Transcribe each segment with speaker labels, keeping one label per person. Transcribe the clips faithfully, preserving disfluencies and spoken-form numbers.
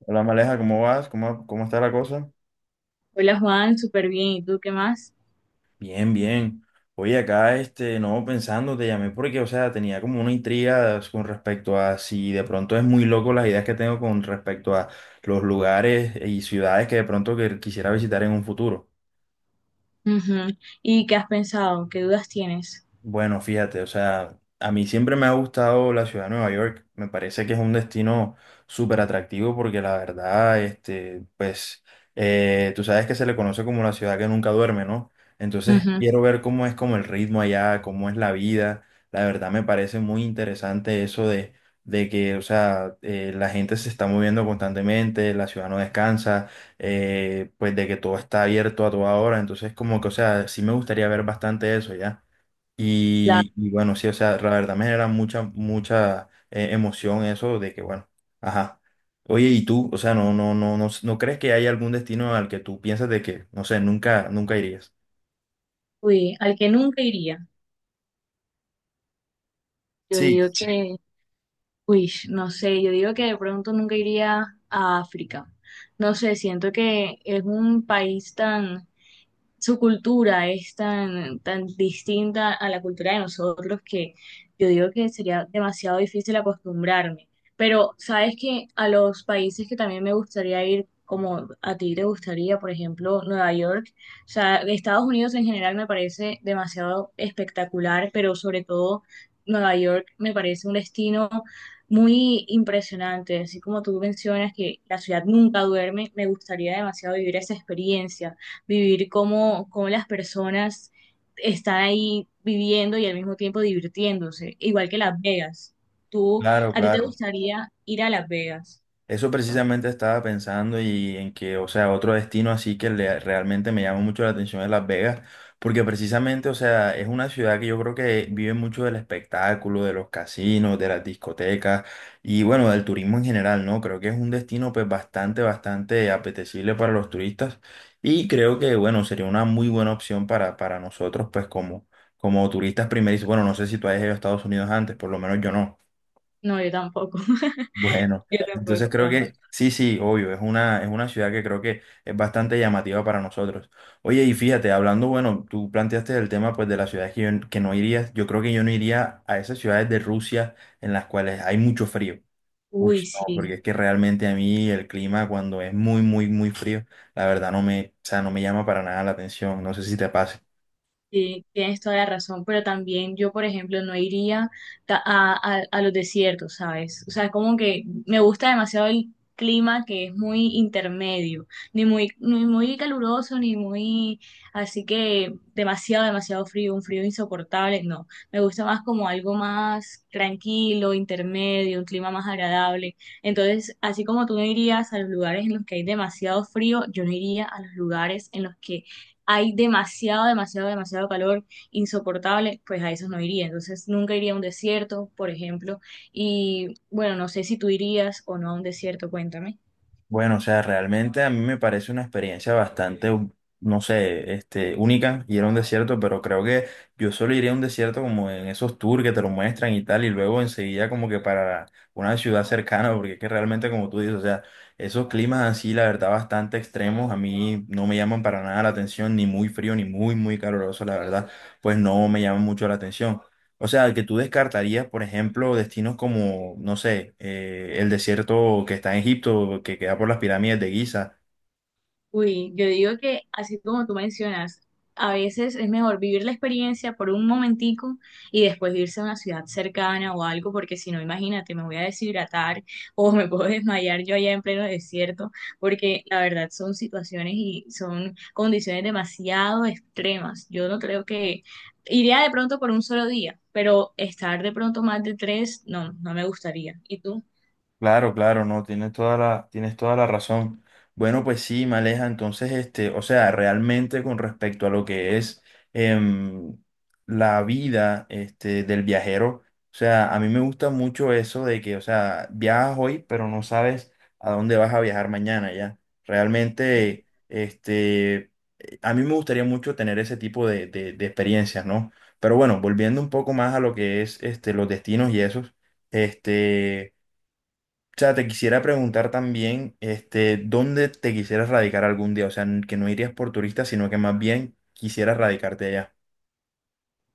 Speaker 1: Hola Maleja, ¿cómo vas? ¿Cómo, cómo está la cosa?
Speaker 2: Hola Juan, súper bien. ¿Y tú qué más?
Speaker 1: Bien, bien. Oye, acá, este, no, pensando, te llamé porque, o sea, tenía como una intriga con respecto a si de pronto es muy loco las ideas que tengo con respecto a los lugares y ciudades que de pronto que quisiera visitar en un futuro.
Speaker 2: Ujú. ¿Y qué has pensado? ¿Qué dudas tienes?
Speaker 1: Bueno, fíjate, o sea, a mí siempre me ha gustado la ciudad de Nueva York. Me parece que es un destino súper atractivo porque la verdad, este, pues, eh, tú sabes que se le conoce como la ciudad que nunca duerme, ¿no? Entonces,
Speaker 2: Ujú.
Speaker 1: quiero ver cómo es como el ritmo allá, cómo es la vida. La verdad me parece muy interesante eso de, de que, o sea, eh, la gente se está moviendo constantemente, la ciudad no descansa, eh, pues de que todo está abierto a toda hora. Entonces, como que, o sea, sí me gustaría ver bastante eso ya.
Speaker 2: La,
Speaker 1: Y, y bueno, sí, o sea, la verdad me genera mucha, mucha eh, emoción eso de que, bueno, ajá. Oye, ¿y tú? O sea, no, no, no, no, ¿no crees que hay algún destino al que tú piensas de que, no sé, nunca, nunca irías?
Speaker 2: Uy, al que nunca iría. Yo
Speaker 1: Sí,
Speaker 2: digo sí. Que, uy, no sé, yo digo que de pronto nunca iría a África. No sé, siento que es un país tan, su cultura es tan, tan distinta a la cultura de nosotros, que yo digo que sería demasiado difícil acostumbrarme. Pero sabes que a los países que también me gustaría ir, como a ti te gustaría, por ejemplo, Nueva York, o sea, Estados Unidos en general me parece demasiado espectacular, pero sobre todo Nueva York me parece un destino muy impresionante. Así como tú mencionas que la ciudad nunca duerme, me gustaría demasiado vivir esa experiencia, vivir cómo, cómo las personas están ahí viviendo y al mismo tiempo divirtiéndose, igual que Las Vegas. ¿Tú,
Speaker 1: claro,
Speaker 2: a ti te
Speaker 1: claro.
Speaker 2: gustaría ir a Las Vegas?
Speaker 1: Eso precisamente estaba pensando y en que, o sea, otro destino así que le- realmente me llama mucho la atención es Las Vegas, porque precisamente, o sea, es una ciudad que yo creo que vive mucho del espectáculo, de los casinos, de las discotecas y bueno, del turismo en general, ¿no? Creo que es un destino pues bastante, bastante apetecible para los turistas y creo que, bueno, sería una muy buena opción para, para nosotros pues como, como turistas primerizos. Bueno, no sé si tú hayas ido a Estados Unidos antes, por lo menos yo no.
Speaker 2: No, yo tampoco.
Speaker 1: Bueno,
Speaker 2: Yo tampoco,
Speaker 1: entonces creo
Speaker 2: Juan.
Speaker 1: que sí, sí, obvio, es una, es una ciudad que creo que es bastante llamativa para nosotros. Oye, y fíjate, hablando, bueno, tú planteaste el tema pues de las ciudades que, yo- que no irías, yo creo que yo no iría a esas ciudades de Rusia en las cuales hay mucho frío. Uy,
Speaker 2: Uy,
Speaker 1: no, porque
Speaker 2: sí.
Speaker 1: es que realmente a mí el clima cuando es muy, muy, muy frío, la verdad no me, o sea, no me llama para nada la atención, no sé si te pasa.
Speaker 2: Sí, tienes toda la razón, pero también yo, por ejemplo, no iría ta- a, a- a los desiertos, ¿sabes? O sea, es como que me gusta demasiado el clima que es muy intermedio, ni muy, ni muy caluroso, ni muy, así que demasiado, demasiado frío, un frío insoportable, no. Me gusta más como algo más tranquilo, intermedio, un clima más agradable. Entonces, así como tú no irías a los lugares en los que hay demasiado frío, yo no iría a los lugares en los que hay demasiado, demasiado, demasiado calor insoportable, pues a esos no iría. Entonces nunca iría a un desierto, por ejemplo. Y bueno, no sé si tú irías o no a un desierto, cuéntame.
Speaker 1: Bueno, o sea, realmente a mí me parece una experiencia bastante, no sé, este, única ir a un desierto, pero creo que yo solo iría a un desierto como en esos tours que te lo muestran y tal, y luego enseguida como que para una ciudad cercana, porque es que realmente como tú dices, o sea, esos climas así, la verdad, bastante extremos, a mí no me llaman para nada la atención, ni muy frío, ni muy, muy caluroso, la verdad, pues no me llaman mucho la atención. O sea, que tú descartarías, por ejemplo, destinos como, no sé, eh, el desierto que está en Egipto, que queda por las pirámides de Giza.
Speaker 2: Uy, yo digo que así como tú mencionas, a veces es mejor vivir la experiencia por un momentico y después irse a una ciudad cercana o algo, porque si no, imagínate, me voy a deshidratar o me puedo desmayar yo allá en pleno desierto, porque la verdad son situaciones y son condiciones demasiado extremas. Yo no creo que iría de pronto por un solo día, pero estar de pronto más de tres, no, no me gustaría. ¿Y tú?
Speaker 1: Claro, claro, no, tienes toda la, tienes toda la razón. Bueno, pues sí, Maleja, entonces, este, o sea, realmente con respecto a lo que es em, la vida este, del viajero, o sea, a mí me gusta mucho eso de que, o sea, viajas hoy, pero no sabes a dónde vas a viajar mañana, ¿ya? Realmente, este, a mí me gustaría mucho tener ese tipo de, de, de experiencias, ¿no? Pero bueno, volviendo un poco más a lo que es este, los destinos y esos, este... O sea, te quisiera preguntar también, este, ¿dónde te quisieras radicar algún día? O sea, n- que no irías por turista, sino que más bien quisieras radicarte allá.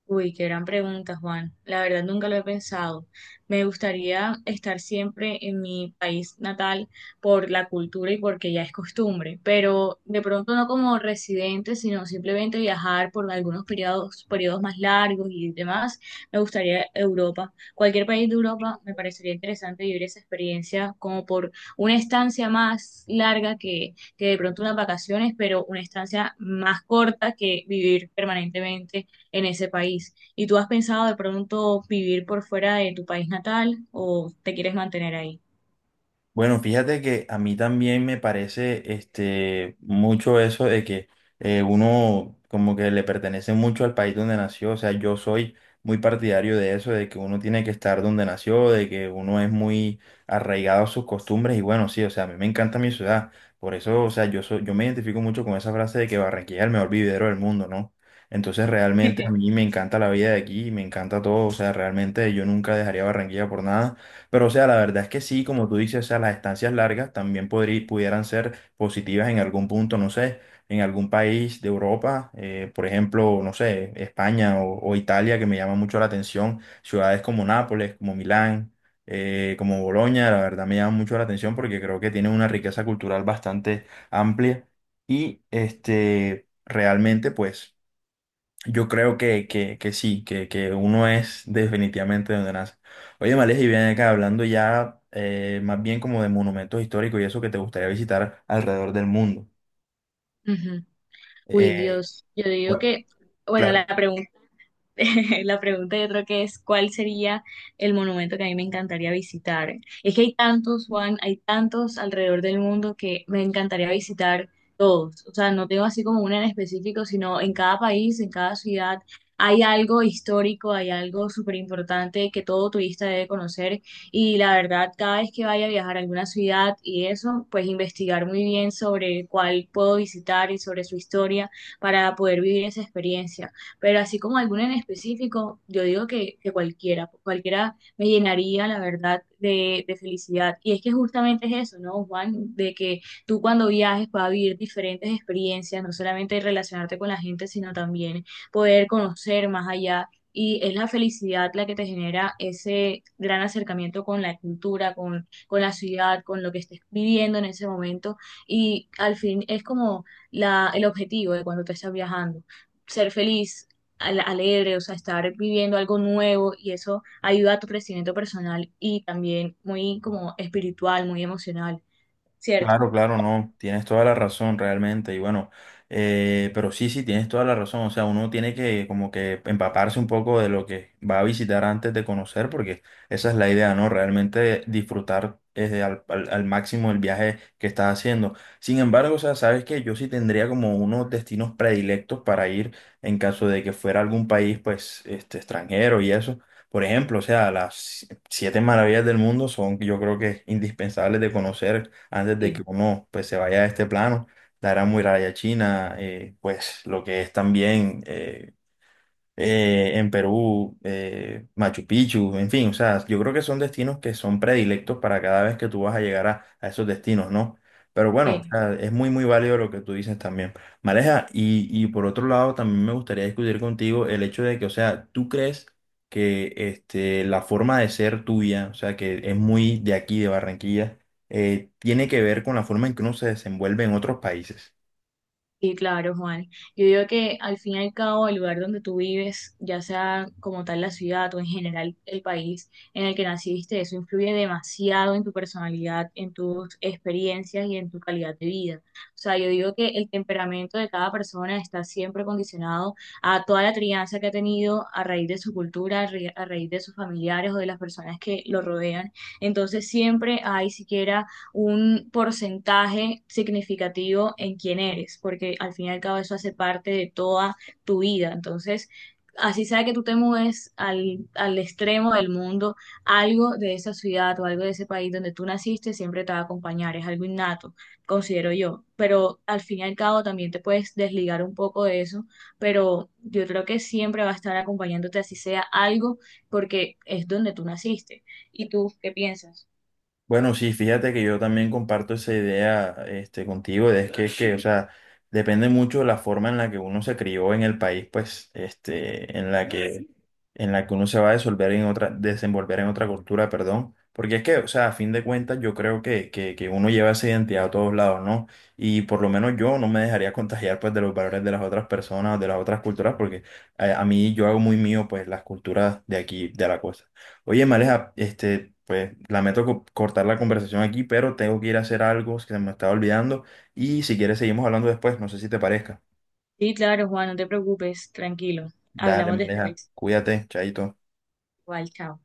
Speaker 2: Uy, qué gran pregunta, Juan. La verdad nunca lo he pensado. Me gustaría estar siempre en mi país natal por la cultura y porque ya es costumbre, pero de pronto no como residente, sino simplemente viajar por algunos periodos, periodos más largos y demás. Me gustaría Europa. Cualquier país de Europa me parecería interesante, vivir esa experiencia como por una estancia más larga que, que de pronto unas vacaciones, pero una estancia más corta que vivir permanentemente en ese país. ¿Y tú has pensado de pronto vivir por fuera de tu país natal o te quieres mantener ahí?
Speaker 1: Bueno, fíjate que a mí también me parece este, mucho eso de que eh, uno como que le pertenece mucho al país donde nació. O sea, yo soy muy partidario de eso, de que uno tiene que estar donde nació, de que uno es muy arraigado a sus costumbres. Y bueno, sí, o sea, a mí me encanta mi ciudad. Por eso, o sea, yo, soy- yo me identifico mucho con esa frase de que Barranquilla es el mejor vividero del mundo, ¿no? Entonces realmente a mí me encanta la vida de aquí, me encanta todo. O sea, realmente yo nunca dejaría Barranquilla por nada. Pero, o sea, la verdad es que sí, como tú dices, o sea, las estancias largas también podrí- pudieran ser positivas en algún punto, no sé, en algún país de Europa, eh, por ejemplo, no sé, España o, o Italia, que me llama mucho la atención, ciudades como Nápoles, como Milán, eh, como Bolonia, la verdad me llama mucho la atención porque creo que tienen una riqueza cultural bastante amplia y, este, realmente, pues... Yo creo que, que, que sí, que, que uno es definitivamente donde nace. Oye, Males, y bien acá hablando ya eh, más bien como de monumentos históricos y eso que te gustaría visitar alrededor del mundo.
Speaker 2: Ujú. Uy,
Speaker 1: Eh,
Speaker 2: Dios, yo digo
Speaker 1: bueno,
Speaker 2: que, bueno, la
Speaker 1: claro.
Speaker 2: pregunta la pregunta yo creo que es, ¿cuál sería el monumento que a mí me encantaría visitar? Es que hay tantos, Juan, hay tantos alrededor del mundo que me encantaría visitar todos. O sea, no tengo así como una en específico, sino en cada país, en cada ciudad, hay algo histórico, hay algo súper importante que todo turista debe conocer. Y la verdad, cada vez que vaya a viajar a alguna ciudad y eso, pues investigar muy bien sobre cuál puedo visitar y sobre su historia para poder vivir esa experiencia, pero así como alguno en específico, yo digo que, que cualquiera, cualquiera me llenaría, la verdad, de, de felicidad. Y es que justamente es eso, ¿no, Juan? De que tú, cuando viajes, puedas vivir diferentes experiencias, no solamente relacionarte con la gente, sino también poder conocer más allá. Y es la felicidad la que te genera ese gran acercamiento con la cultura, con, con la ciudad, con lo que estés viviendo en ese momento. Y al fin es como la, el objetivo de cuando te estás viajando, ser feliz, al- alegre, o sea, estar viviendo algo nuevo, y eso ayuda a tu crecimiento personal y también muy como espiritual, muy emocional, ¿cierto?
Speaker 1: Claro, claro, no, tienes toda la razón realmente y bueno, eh, pero sí, sí, tienes toda la razón, o sea, uno tiene que como que empaparse un poco de lo que va a visitar antes de conocer, porque esa es la idea, ¿no? Realmente disfrutar eh, al, al- al máximo el viaje que estás haciendo. Sin embargo, o sea, sabes que yo sí tendría como unos destinos predilectos para ir en caso de que fuera algún país, pues, este, extranjero y eso. Por ejemplo, o sea, las siete maravillas del mundo son, yo creo que, indispensables de conocer antes de que
Speaker 2: Sí,
Speaker 1: uno pues se vaya a este plano, la Gran Muralla China, eh, pues lo que es también eh, eh, en Perú, eh, Machu Picchu, en fin, o sea, yo creo que son destinos que son predilectos para cada vez que tú vas a llegar a, a esos destinos, ¿no? Pero bueno, o
Speaker 2: sí.
Speaker 1: sea, es muy, muy válido lo que tú dices también. Maleja, y, y por otro lado, también me gustaría discutir contigo el hecho de que, o sea, tú crees que este, la forma de ser tuya, o sea, que es muy de aquí, de Barranquilla, eh, tiene que ver con la forma en que uno se desenvuelve en otros países.
Speaker 2: Sí, claro, Juan. Yo digo que al fin y al cabo el lugar donde tú vives, ya sea como tal la ciudad o en general el país en el que naciste, eso influye demasiado en tu personalidad, en tus experiencias y en tu calidad de vida. O sea, yo digo que el temperamento de cada persona está siempre condicionado a toda la crianza que ha tenido a raíz de su cultura, a ra- a raíz de sus familiares o de las personas que lo rodean. Entonces siempre hay siquiera un porcentaje significativo en quién eres, porque al fin y al cabo eso hace parte de toda tu vida. Entonces, así sea que tú te mudes al, al extremo del mundo, algo de esa ciudad o algo de ese país donde tú naciste siempre te va a acompañar, es algo innato, considero yo. Pero al fin y al cabo también te puedes desligar un poco de eso, pero yo creo que siempre va a estar acompañándote, así sea algo, porque es donde tú naciste. ¿Y tú qué piensas?
Speaker 1: Bueno, sí, fíjate que yo también comparto esa idea, este, contigo, de es que, es que, o sea, depende mucho de la forma en la que uno se crió en el país, pues, este, en la que, en la que uno se va a desenvolver en otra, desenvolver en otra cultura, perdón, porque es que, o sea, a fin de cuentas, yo creo que, que, que uno lleva esa identidad a todos lados, ¿no? Y por lo menos yo no me dejaría contagiar, pues, de los valores de las otras personas o de las otras culturas, porque eh, a mí yo hago muy mío, pues, las culturas de aquí, de la costa. Oye, Maleja, este, pues lamento co- cortar la conversación aquí, pero tengo que ir a hacer algo que se me estaba olvidando y si quieres seguimos hablando después, no sé si te parezca.
Speaker 2: Sí, claro, Juan, no te preocupes, tranquilo.
Speaker 1: Dale,
Speaker 2: Hablamos
Speaker 1: Maleja,
Speaker 2: después.
Speaker 1: cuídate, chaito.
Speaker 2: Igual, chao.